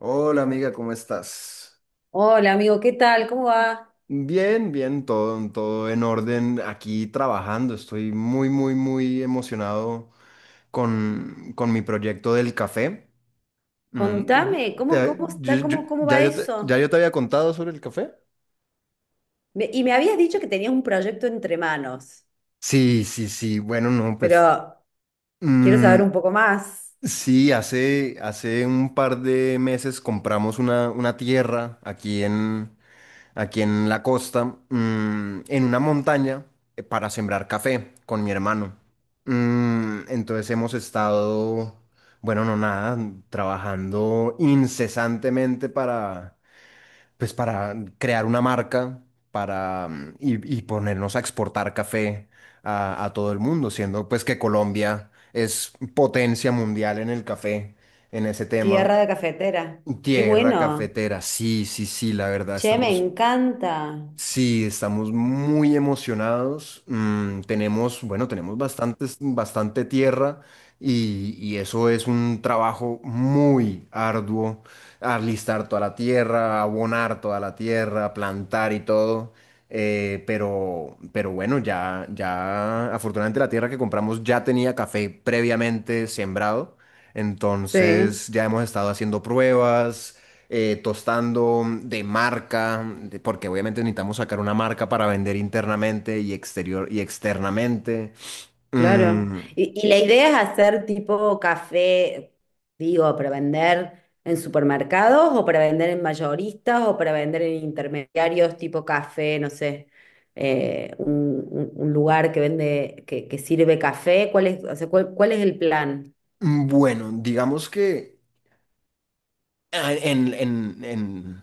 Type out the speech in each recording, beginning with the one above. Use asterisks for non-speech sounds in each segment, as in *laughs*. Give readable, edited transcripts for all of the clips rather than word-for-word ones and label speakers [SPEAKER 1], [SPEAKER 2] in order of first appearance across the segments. [SPEAKER 1] Hola amiga, ¿cómo estás?
[SPEAKER 2] Hola amigo, ¿qué tal? ¿Cómo va?
[SPEAKER 1] Bien, bien, todo en orden, aquí trabajando. Estoy muy, muy, muy emocionado con mi proyecto del café. Mm, y-
[SPEAKER 2] Contame, ¿cómo está? ¿Cómo va
[SPEAKER 1] ¿Ya
[SPEAKER 2] eso?
[SPEAKER 1] yo te había contado sobre el café?
[SPEAKER 2] Y me habías dicho que tenías un proyecto entre manos,
[SPEAKER 1] Sí, sí, sí. Bueno, no, pues
[SPEAKER 2] pero quiero saber
[SPEAKER 1] mm,
[SPEAKER 2] un poco más.
[SPEAKER 1] sí, hace un par de meses compramos una tierra aquí en la costa, en una montaña, para sembrar café con mi hermano. Entonces hemos estado, bueno, no nada, trabajando incesantemente para, pues para crear una marca para, y ponernos a exportar café a todo el mundo, siendo pues que Colombia es potencia mundial en el café, en ese tema.
[SPEAKER 2] Tierra de cafetera. Qué
[SPEAKER 1] Tierra
[SPEAKER 2] bueno.
[SPEAKER 1] cafetera, sí, sí, sí, la verdad,
[SPEAKER 2] Che, me
[SPEAKER 1] estamos.
[SPEAKER 2] encanta.
[SPEAKER 1] Sí, estamos muy emocionados. Tenemos, bueno, tenemos bastante tierra, y eso es un trabajo muy arduo. Alistar toda la tierra, abonar toda la tierra, plantar y todo. Pero bueno, ya, afortunadamente la tierra que compramos ya tenía café previamente sembrado.
[SPEAKER 2] Sí.
[SPEAKER 1] Entonces ya hemos estado haciendo pruebas, tostando de marca, porque obviamente necesitamos sacar una marca para vender internamente y exterior y externamente.
[SPEAKER 2] Claro.
[SPEAKER 1] Mm,
[SPEAKER 2] Y la idea es hacer tipo café, digo, para vender en supermercados o para vender en mayoristas o para vender en intermediarios tipo café, no sé, eh, un, un lugar que vende, que sirve café. ¿Cuál es, o sea, cuál, cuál es el plan?
[SPEAKER 1] bueno, digamos que, ah, en, en, en,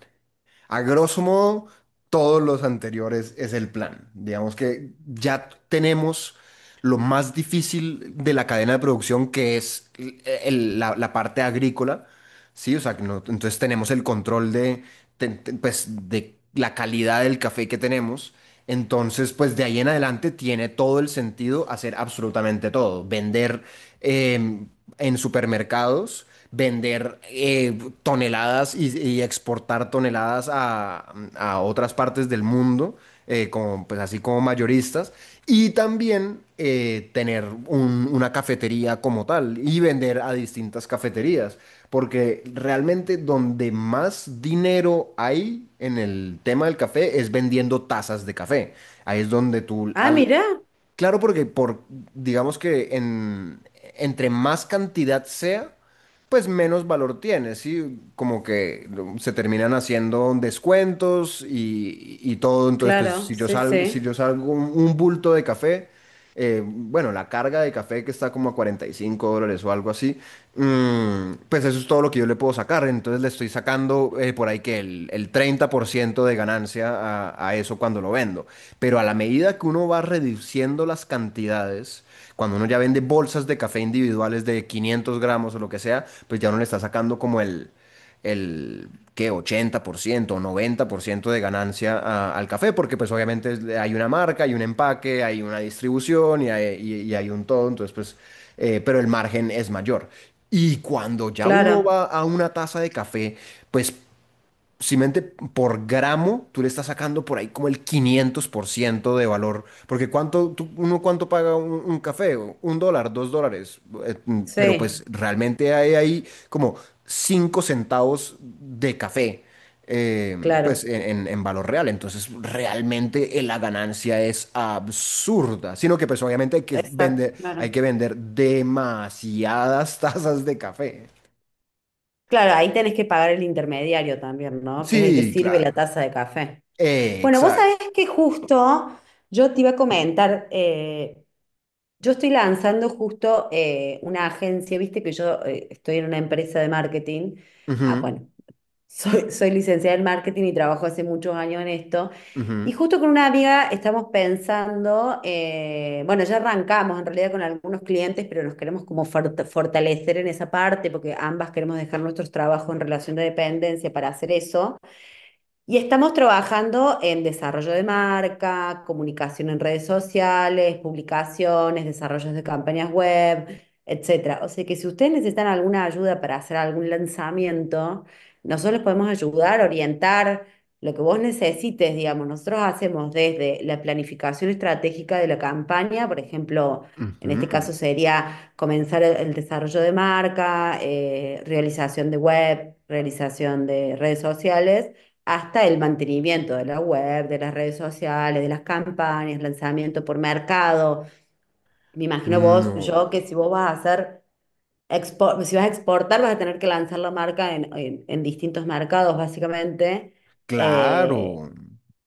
[SPEAKER 1] a grosso modo, todos los anteriores es el plan. Digamos que ya tenemos lo más difícil de la cadena de producción, que es la parte agrícola, ¿sí? O sea, que no- entonces tenemos el control de, pues, de la calidad del café que tenemos. Entonces, pues de ahí en adelante tiene todo el sentido hacer absolutamente todo. Vender em, en supermercados, vender toneladas, y exportar toneladas a otras partes del mundo, como, pues así como mayoristas, y también tener una cafetería como tal y vender a distintas cafeterías, porque realmente donde más dinero hay en el tema del café es vendiendo tazas de café. Ahí es donde
[SPEAKER 2] Ah, mira,
[SPEAKER 1] claro, digamos entre más cantidad sea, pues menos valor tiene, ¿sí? Como que se terminan haciendo descuentos y todo. Entonces, pues
[SPEAKER 2] claro,
[SPEAKER 1] si yo
[SPEAKER 2] sí,
[SPEAKER 1] salgo, si
[SPEAKER 2] sí,
[SPEAKER 1] yo salgo un bulto de café, bueno, la carga de café que está como a $45 o algo así, pues eso es todo lo que yo le puedo sacar. Entonces le estoy sacando por ahí que el 30% de ganancia a eso cuando lo vendo. Pero a la medida que uno va reduciendo las cantidades, cuando uno ya vende bolsas de café individuales de 500 gramos o lo que sea, pues ya uno le está sacando como el ¿qué? 80% o 90% de ganancia al café, porque pues obviamente hay una marca, hay un empaque, hay una distribución y hay, y hay un todo, entonces pues, pero el margen es mayor. Y cuando ya uno
[SPEAKER 2] claro,
[SPEAKER 1] va a una taza de café, pues simplemente por gramo, tú le estás sacando por ahí como el 500% de valor. Porque cuánto, uno cuánto paga un café, un dólar, dos dólares. Pero pues
[SPEAKER 2] sí,
[SPEAKER 1] realmente hay ahí como 5 centavos de café, pues
[SPEAKER 2] claro,
[SPEAKER 1] en valor real. Entonces realmente la ganancia es absurda. Sino que pues obviamente
[SPEAKER 2] exacto,
[SPEAKER 1] hay
[SPEAKER 2] claro.
[SPEAKER 1] que vender demasiadas *laughs* tazas de café.
[SPEAKER 2] Claro, ahí tenés que pagar el intermediario también, ¿no? Que es el que
[SPEAKER 1] Sí,
[SPEAKER 2] sirve la
[SPEAKER 1] claro.
[SPEAKER 2] taza de café. Bueno, vos sabés
[SPEAKER 1] Exacto.
[SPEAKER 2] que justo yo te iba a comentar, yo estoy lanzando justo una agencia, viste que yo estoy en una empresa de marketing, ah, bueno, *laughs* soy, soy licenciada en marketing y trabajo hace muchos años en esto, y
[SPEAKER 1] Ujú,
[SPEAKER 2] justo con una amiga estamos pensando, bueno, ya arrancamos en realidad con algunos clientes, pero nos queremos como fortalecer en esa parte, porque ambas queremos dejar nuestros trabajos en relación de dependencia para hacer eso. Y estamos trabajando en desarrollo de marca, comunicación en redes sociales, publicaciones, desarrollos de campañas web, etcétera. O sea que si ustedes necesitan alguna ayuda para hacer algún lanzamiento, nosotros les podemos ayudar, orientar lo que vos necesites, digamos. Nosotros hacemos desde la planificación estratégica de la campaña, por ejemplo, en este
[SPEAKER 1] ujú.
[SPEAKER 2] caso sería comenzar el desarrollo de marca, realización de web, realización de redes sociales hasta el mantenimiento de la web, de las redes sociales, de las campañas, lanzamiento por mercado. Me imagino vos, yo, que
[SPEAKER 1] No,
[SPEAKER 2] si vos vas a hacer, si vas a exportar, vas a tener que lanzar la marca en, en distintos mercados, básicamente. Eh,
[SPEAKER 1] claro,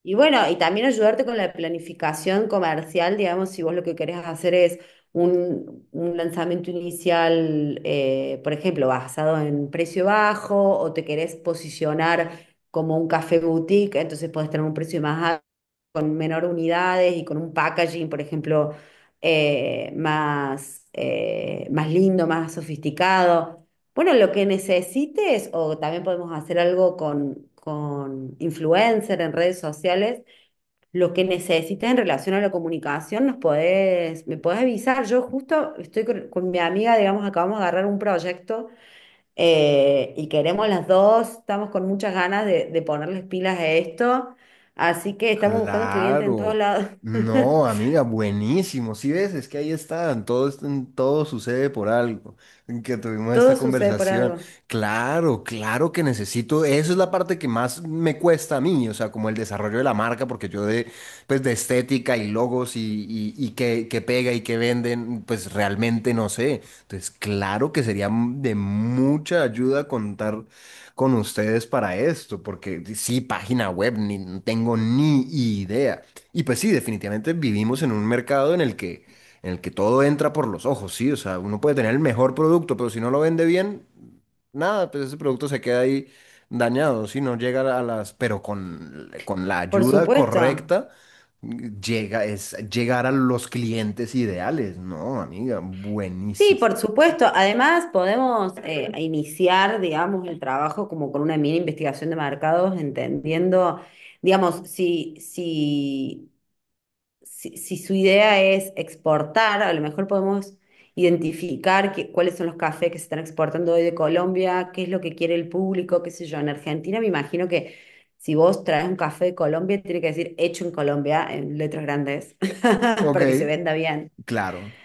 [SPEAKER 2] y bueno, y también ayudarte con la planificación comercial, digamos, si vos lo que querés hacer es un lanzamiento inicial, por ejemplo, basado en precio bajo o te querés posicionar como un café boutique, entonces podés tener un precio más alto, con menor unidades y con un packaging, por ejemplo, más, más lindo, más sofisticado. Bueno, lo que necesites, o también podemos hacer algo con influencer en redes sociales, lo que necesites en relación a la comunicación, nos podés, me podés avisar. Yo justo estoy con mi amiga, digamos, acabamos de agarrar un proyecto y queremos las dos, estamos con muchas ganas de ponerles pilas a esto, así que estamos buscando clientes en todos
[SPEAKER 1] claro.
[SPEAKER 2] lados. *laughs*
[SPEAKER 1] No, amiga, buenísimo. Si ves, es que ahí están, todo sucede por algo, en que tuvimos esta
[SPEAKER 2] Todo sucede por
[SPEAKER 1] conversación.
[SPEAKER 2] algo.
[SPEAKER 1] Claro, claro que necesito, eso es la parte que más me cuesta a mí, o sea, como el desarrollo de la marca, porque yo de, pues, de estética y logos y qué, qué pega y qué venden, pues realmente no sé. Entonces, claro que sería de mucha ayuda contar con ustedes para esto, porque sí, página web, ni no tengo ni idea. Y pues sí, definitivamente vivimos en un mercado en el que todo entra por los ojos, sí, o sea, uno puede tener el mejor producto, pero si no lo vende bien, nada, pues ese producto se queda ahí dañado, si no llega a las, pero con la
[SPEAKER 2] Por
[SPEAKER 1] ayuda
[SPEAKER 2] supuesto.
[SPEAKER 1] correcta. Llega, es llegar a los clientes ideales, ¿no, amiga?
[SPEAKER 2] Sí,
[SPEAKER 1] Buenísimo.
[SPEAKER 2] por supuesto. Además, podemos iniciar, digamos, el trabajo como con una mini investigación de mercados, entendiendo, digamos, si su idea es exportar, a lo mejor podemos identificar cuáles son los cafés que se están exportando hoy de Colombia, qué es lo que quiere el público, qué sé yo. En Argentina me imagino que si vos traes un café de Colombia, tiene que decir hecho en Colombia en letras grandes *laughs*
[SPEAKER 1] Ok,
[SPEAKER 2] para que se venda,
[SPEAKER 1] claro.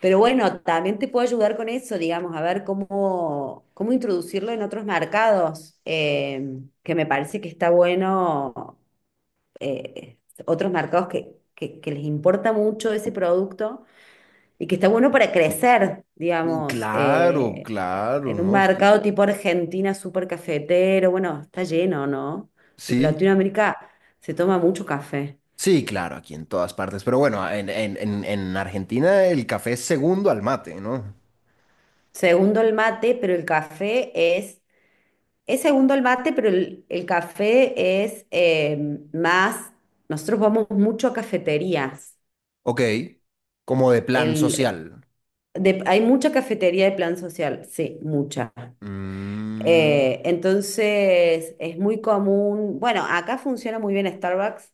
[SPEAKER 2] pero bueno, también te puedo ayudar con eso, digamos, a ver cómo, cómo introducirlo en otros mercados, que me parece que está bueno, eh, otros mercados que les importa mucho ese producto y que está bueno para crecer,
[SPEAKER 1] Mm,
[SPEAKER 2] digamos,
[SPEAKER 1] claro, claro,
[SPEAKER 2] en un
[SPEAKER 1] ¿no? Es que
[SPEAKER 2] mercado tipo Argentina, súper cafetero, bueno, está lleno, ¿no? En
[SPEAKER 1] sí,
[SPEAKER 2] Latinoamérica se toma mucho café.
[SPEAKER 1] sí, claro, aquí en todas partes. Pero bueno, en Argentina el café es segundo al mate, ¿no?
[SPEAKER 2] Segundo el mate, pero el café es. Es segundo el mate, pero el café es más, nosotros vamos mucho a cafeterías.
[SPEAKER 1] Ok, como de plan
[SPEAKER 2] El,
[SPEAKER 1] social.
[SPEAKER 2] hay mucha cafetería de plan social, sí, mucha.
[SPEAKER 1] Mm,
[SPEAKER 2] Entonces es muy común, bueno, acá funciona muy bien Starbucks,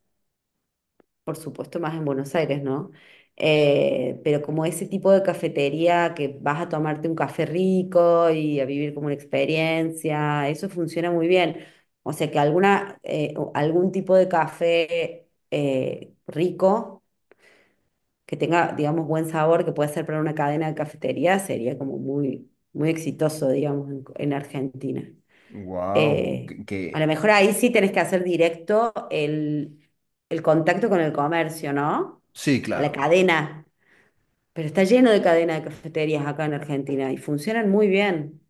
[SPEAKER 2] por supuesto, más en Buenos Aires, ¿no? Pero como ese tipo de cafetería que vas a tomarte un café rico y a vivir como una experiencia, eso funciona muy bien. O sea que alguna, o algún tipo de café rico, que tenga, digamos, buen sabor, que pueda ser para una cadena de cafetería, sería como muy, muy exitoso, digamos, en Argentina.
[SPEAKER 1] wow,
[SPEAKER 2] Eh, a lo mejor ahí sí tenés que hacer directo el contacto con el comercio, ¿no?
[SPEAKER 1] sí,
[SPEAKER 2] Con la
[SPEAKER 1] claro.
[SPEAKER 2] cadena. Pero está lleno de cadena de cafeterías acá en Argentina y funcionan muy bien.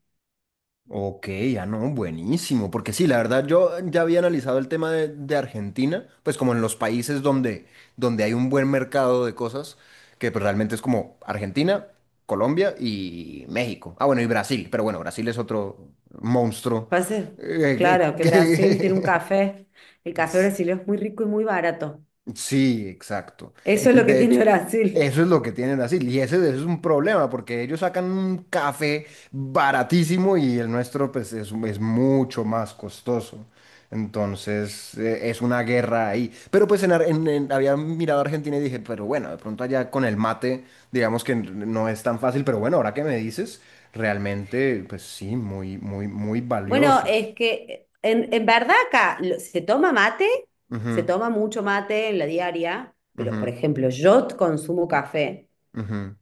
[SPEAKER 1] Ok, ya no, buenísimo, porque sí, la verdad yo ya había analizado el tema de Argentina, pues como en los países donde, donde hay un buen mercado de cosas, que pues, realmente es como Argentina, Colombia y México. Ah, bueno, y Brasil, pero bueno, Brasil es otro monstruo.
[SPEAKER 2] Pasa,
[SPEAKER 1] *laughs* eh,
[SPEAKER 2] claro, que
[SPEAKER 1] que-
[SPEAKER 2] Brasil tiene un
[SPEAKER 1] que-
[SPEAKER 2] café. El
[SPEAKER 1] *laughs*
[SPEAKER 2] café brasileño es muy rico y muy barato.
[SPEAKER 1] Sí, exacto.
[SPEAKER 2] Eso es lo que
[SPEAKER 1] De
[SPEAKER 2] tiene
[SPEAKER 1] hecho,
[SPEAKER 2] Brasil.
[SPEAKER 1] eso es lo que tienen así. Y ese es un problema, porque ellos sacan un café baratísimo y el nuestro pues, es mucho más costoso. Entonces, es una guerra ahí. Pero pues en, Ar- en- había mirado a Argentina y dije, pero bueno, de pronto allá con el mate, digamos que no es tan fácil, pero bueno, ahora que me dices, realmente, pues sí, muy, muy, muy
[SPEAKER 2] Bueno,
[SPEAKER 1] valioso.
[SPEAKER 2] es que en verdad acá se toma mate, se
[SPEAKER 1] Ujú,
[SPEAKER 2] toma mucho mate en la diaria, pero por
[SPEAKER 1] ujú,
[SPEAKER 2] ejemplo, yo consumo café
[SPEAKER 1] ujú.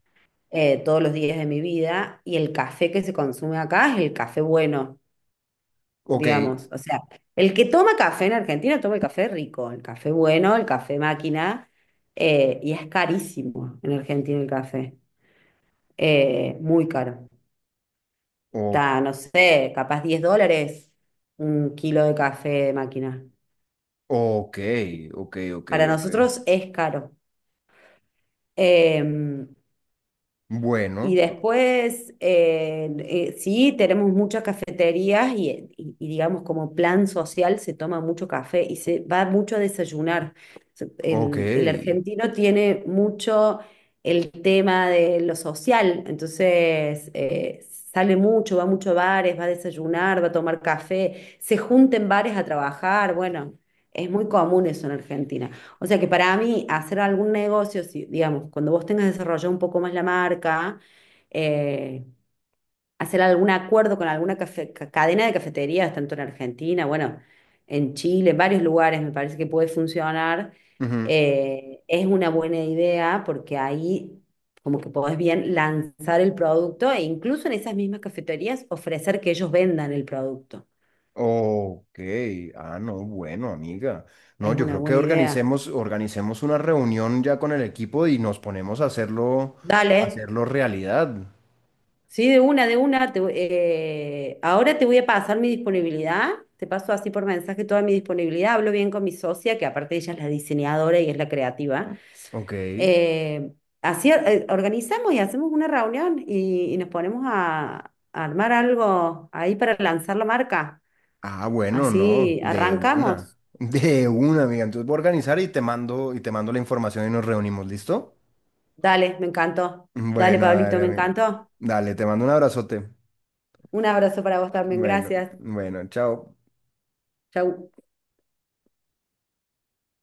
[SPEAKER 2] todos los días de mi vida y el café que se consume acá es el café bueno,
[SPEAKER 1] Ok,
[SPEAKER 2] digamos. O sea, el que toma café en Argentina toma el café rico, el café bueno, el café máquina, y es carísimo en Argentina el café, muy caro.
[SPEAKER 1] ok.
[SPEAKER 2] Está, no sé, capaz 10 dólares un kilo de café de máquina.
[SPEAKER 1] Ok, ok, ok,
[SPEAKER 2] Para
[SPEAKER 1] ok.
[SPEAKER 2] nosotros es caro. Eh, Y
[SPEAKER 1] Bueno,
[SPEAKER 2] después, sí, tenemos muchas cafeterías y, y digamos como plan social se toma mucho café y se va mucho a desayunar. Se-
[SPEAKER 1] ok.
[SPEAKER 2] El argentino tiene mucho el tema de lo social, entonces sale mucho, va mucho a bares, va a desayunar, va a tomar café, se junta en bares a trabajar, bueno, es muy común eso en Argentina. O sea que para mí hacer algún negocio, si, digamos, cuando vos tengas desarrollado un poco más la marca, eh, hacer algún acuerdo con alguna cadena de cafeterías, tanto en Argentina, bueno, en Chile, en varios lugares me parece que puede funcionar.
[SPEAKER 1] Ujú,
[SPEAKER 2] Es una buena idea porque ahí como que podés bien lanzar el producto e incluso en esas mismas cafeterías ofrecer que ellos vendan el producto.
[SPEAKER 1] ok. Ah, no, bueno, amiga. No,
[SPEAKER 2] Es
[SPEAKER 1] yo
[SPEAKER 2] una
[SPEAKER 1] creo que
[SPEAKER 2] buena idea.
[SPEAKER 1] organicemos, organicemos una reunión ya con el equipo y nos ponemos a hacerlo,
[SPEAKER 2] Dale.
[SPEAKER 1] hacerlo realidad.
[SPEAKER 2] Sí, de una, de una. Ahora te voy a pasar mi disponibilidad. Te paso así por mensaje toda mi disponibilidad. Hablo bien con mi socia, que aparte ella es la diseñadora y es la creativa.
[SPEAKER 1] Ok.
[SPEAKER 2] Eh, así organizamos y hacemos una reunión y nos ponemos a armar algo ahí para lanzar la marca.
[SPEAKER 1] Ah, bueno, no,
[SPEAKER 2] Así
[SPEAKER 1] de una.
[SPEAKER 2] arrancamos.
[SPEAKER 1] *laughs* De una, amiga. Entonces voy a organizar y te mando la información y nos reunimos, ¿listo?
[SPEAKER 2] Dale, me encantó. Dale,
[SPEAKER 1] Bueno,
[SPEAKER 2] Pablito,
[SPEAKER 1] dale,
[SPEAKER 2] me
[SPEAKER 1] amigo.
[SPEAKER 2] encantó.
[SPEAKER 1] Dale, te mando un abrazote.
[SPEAKER 2] Un abrazo para vos también.
[SPEAKER 1] Bueno,
[SPEAKER 2] Gracias.
[SPEAKER 1] bueno, chao.
[SPEAKER 2] Chau.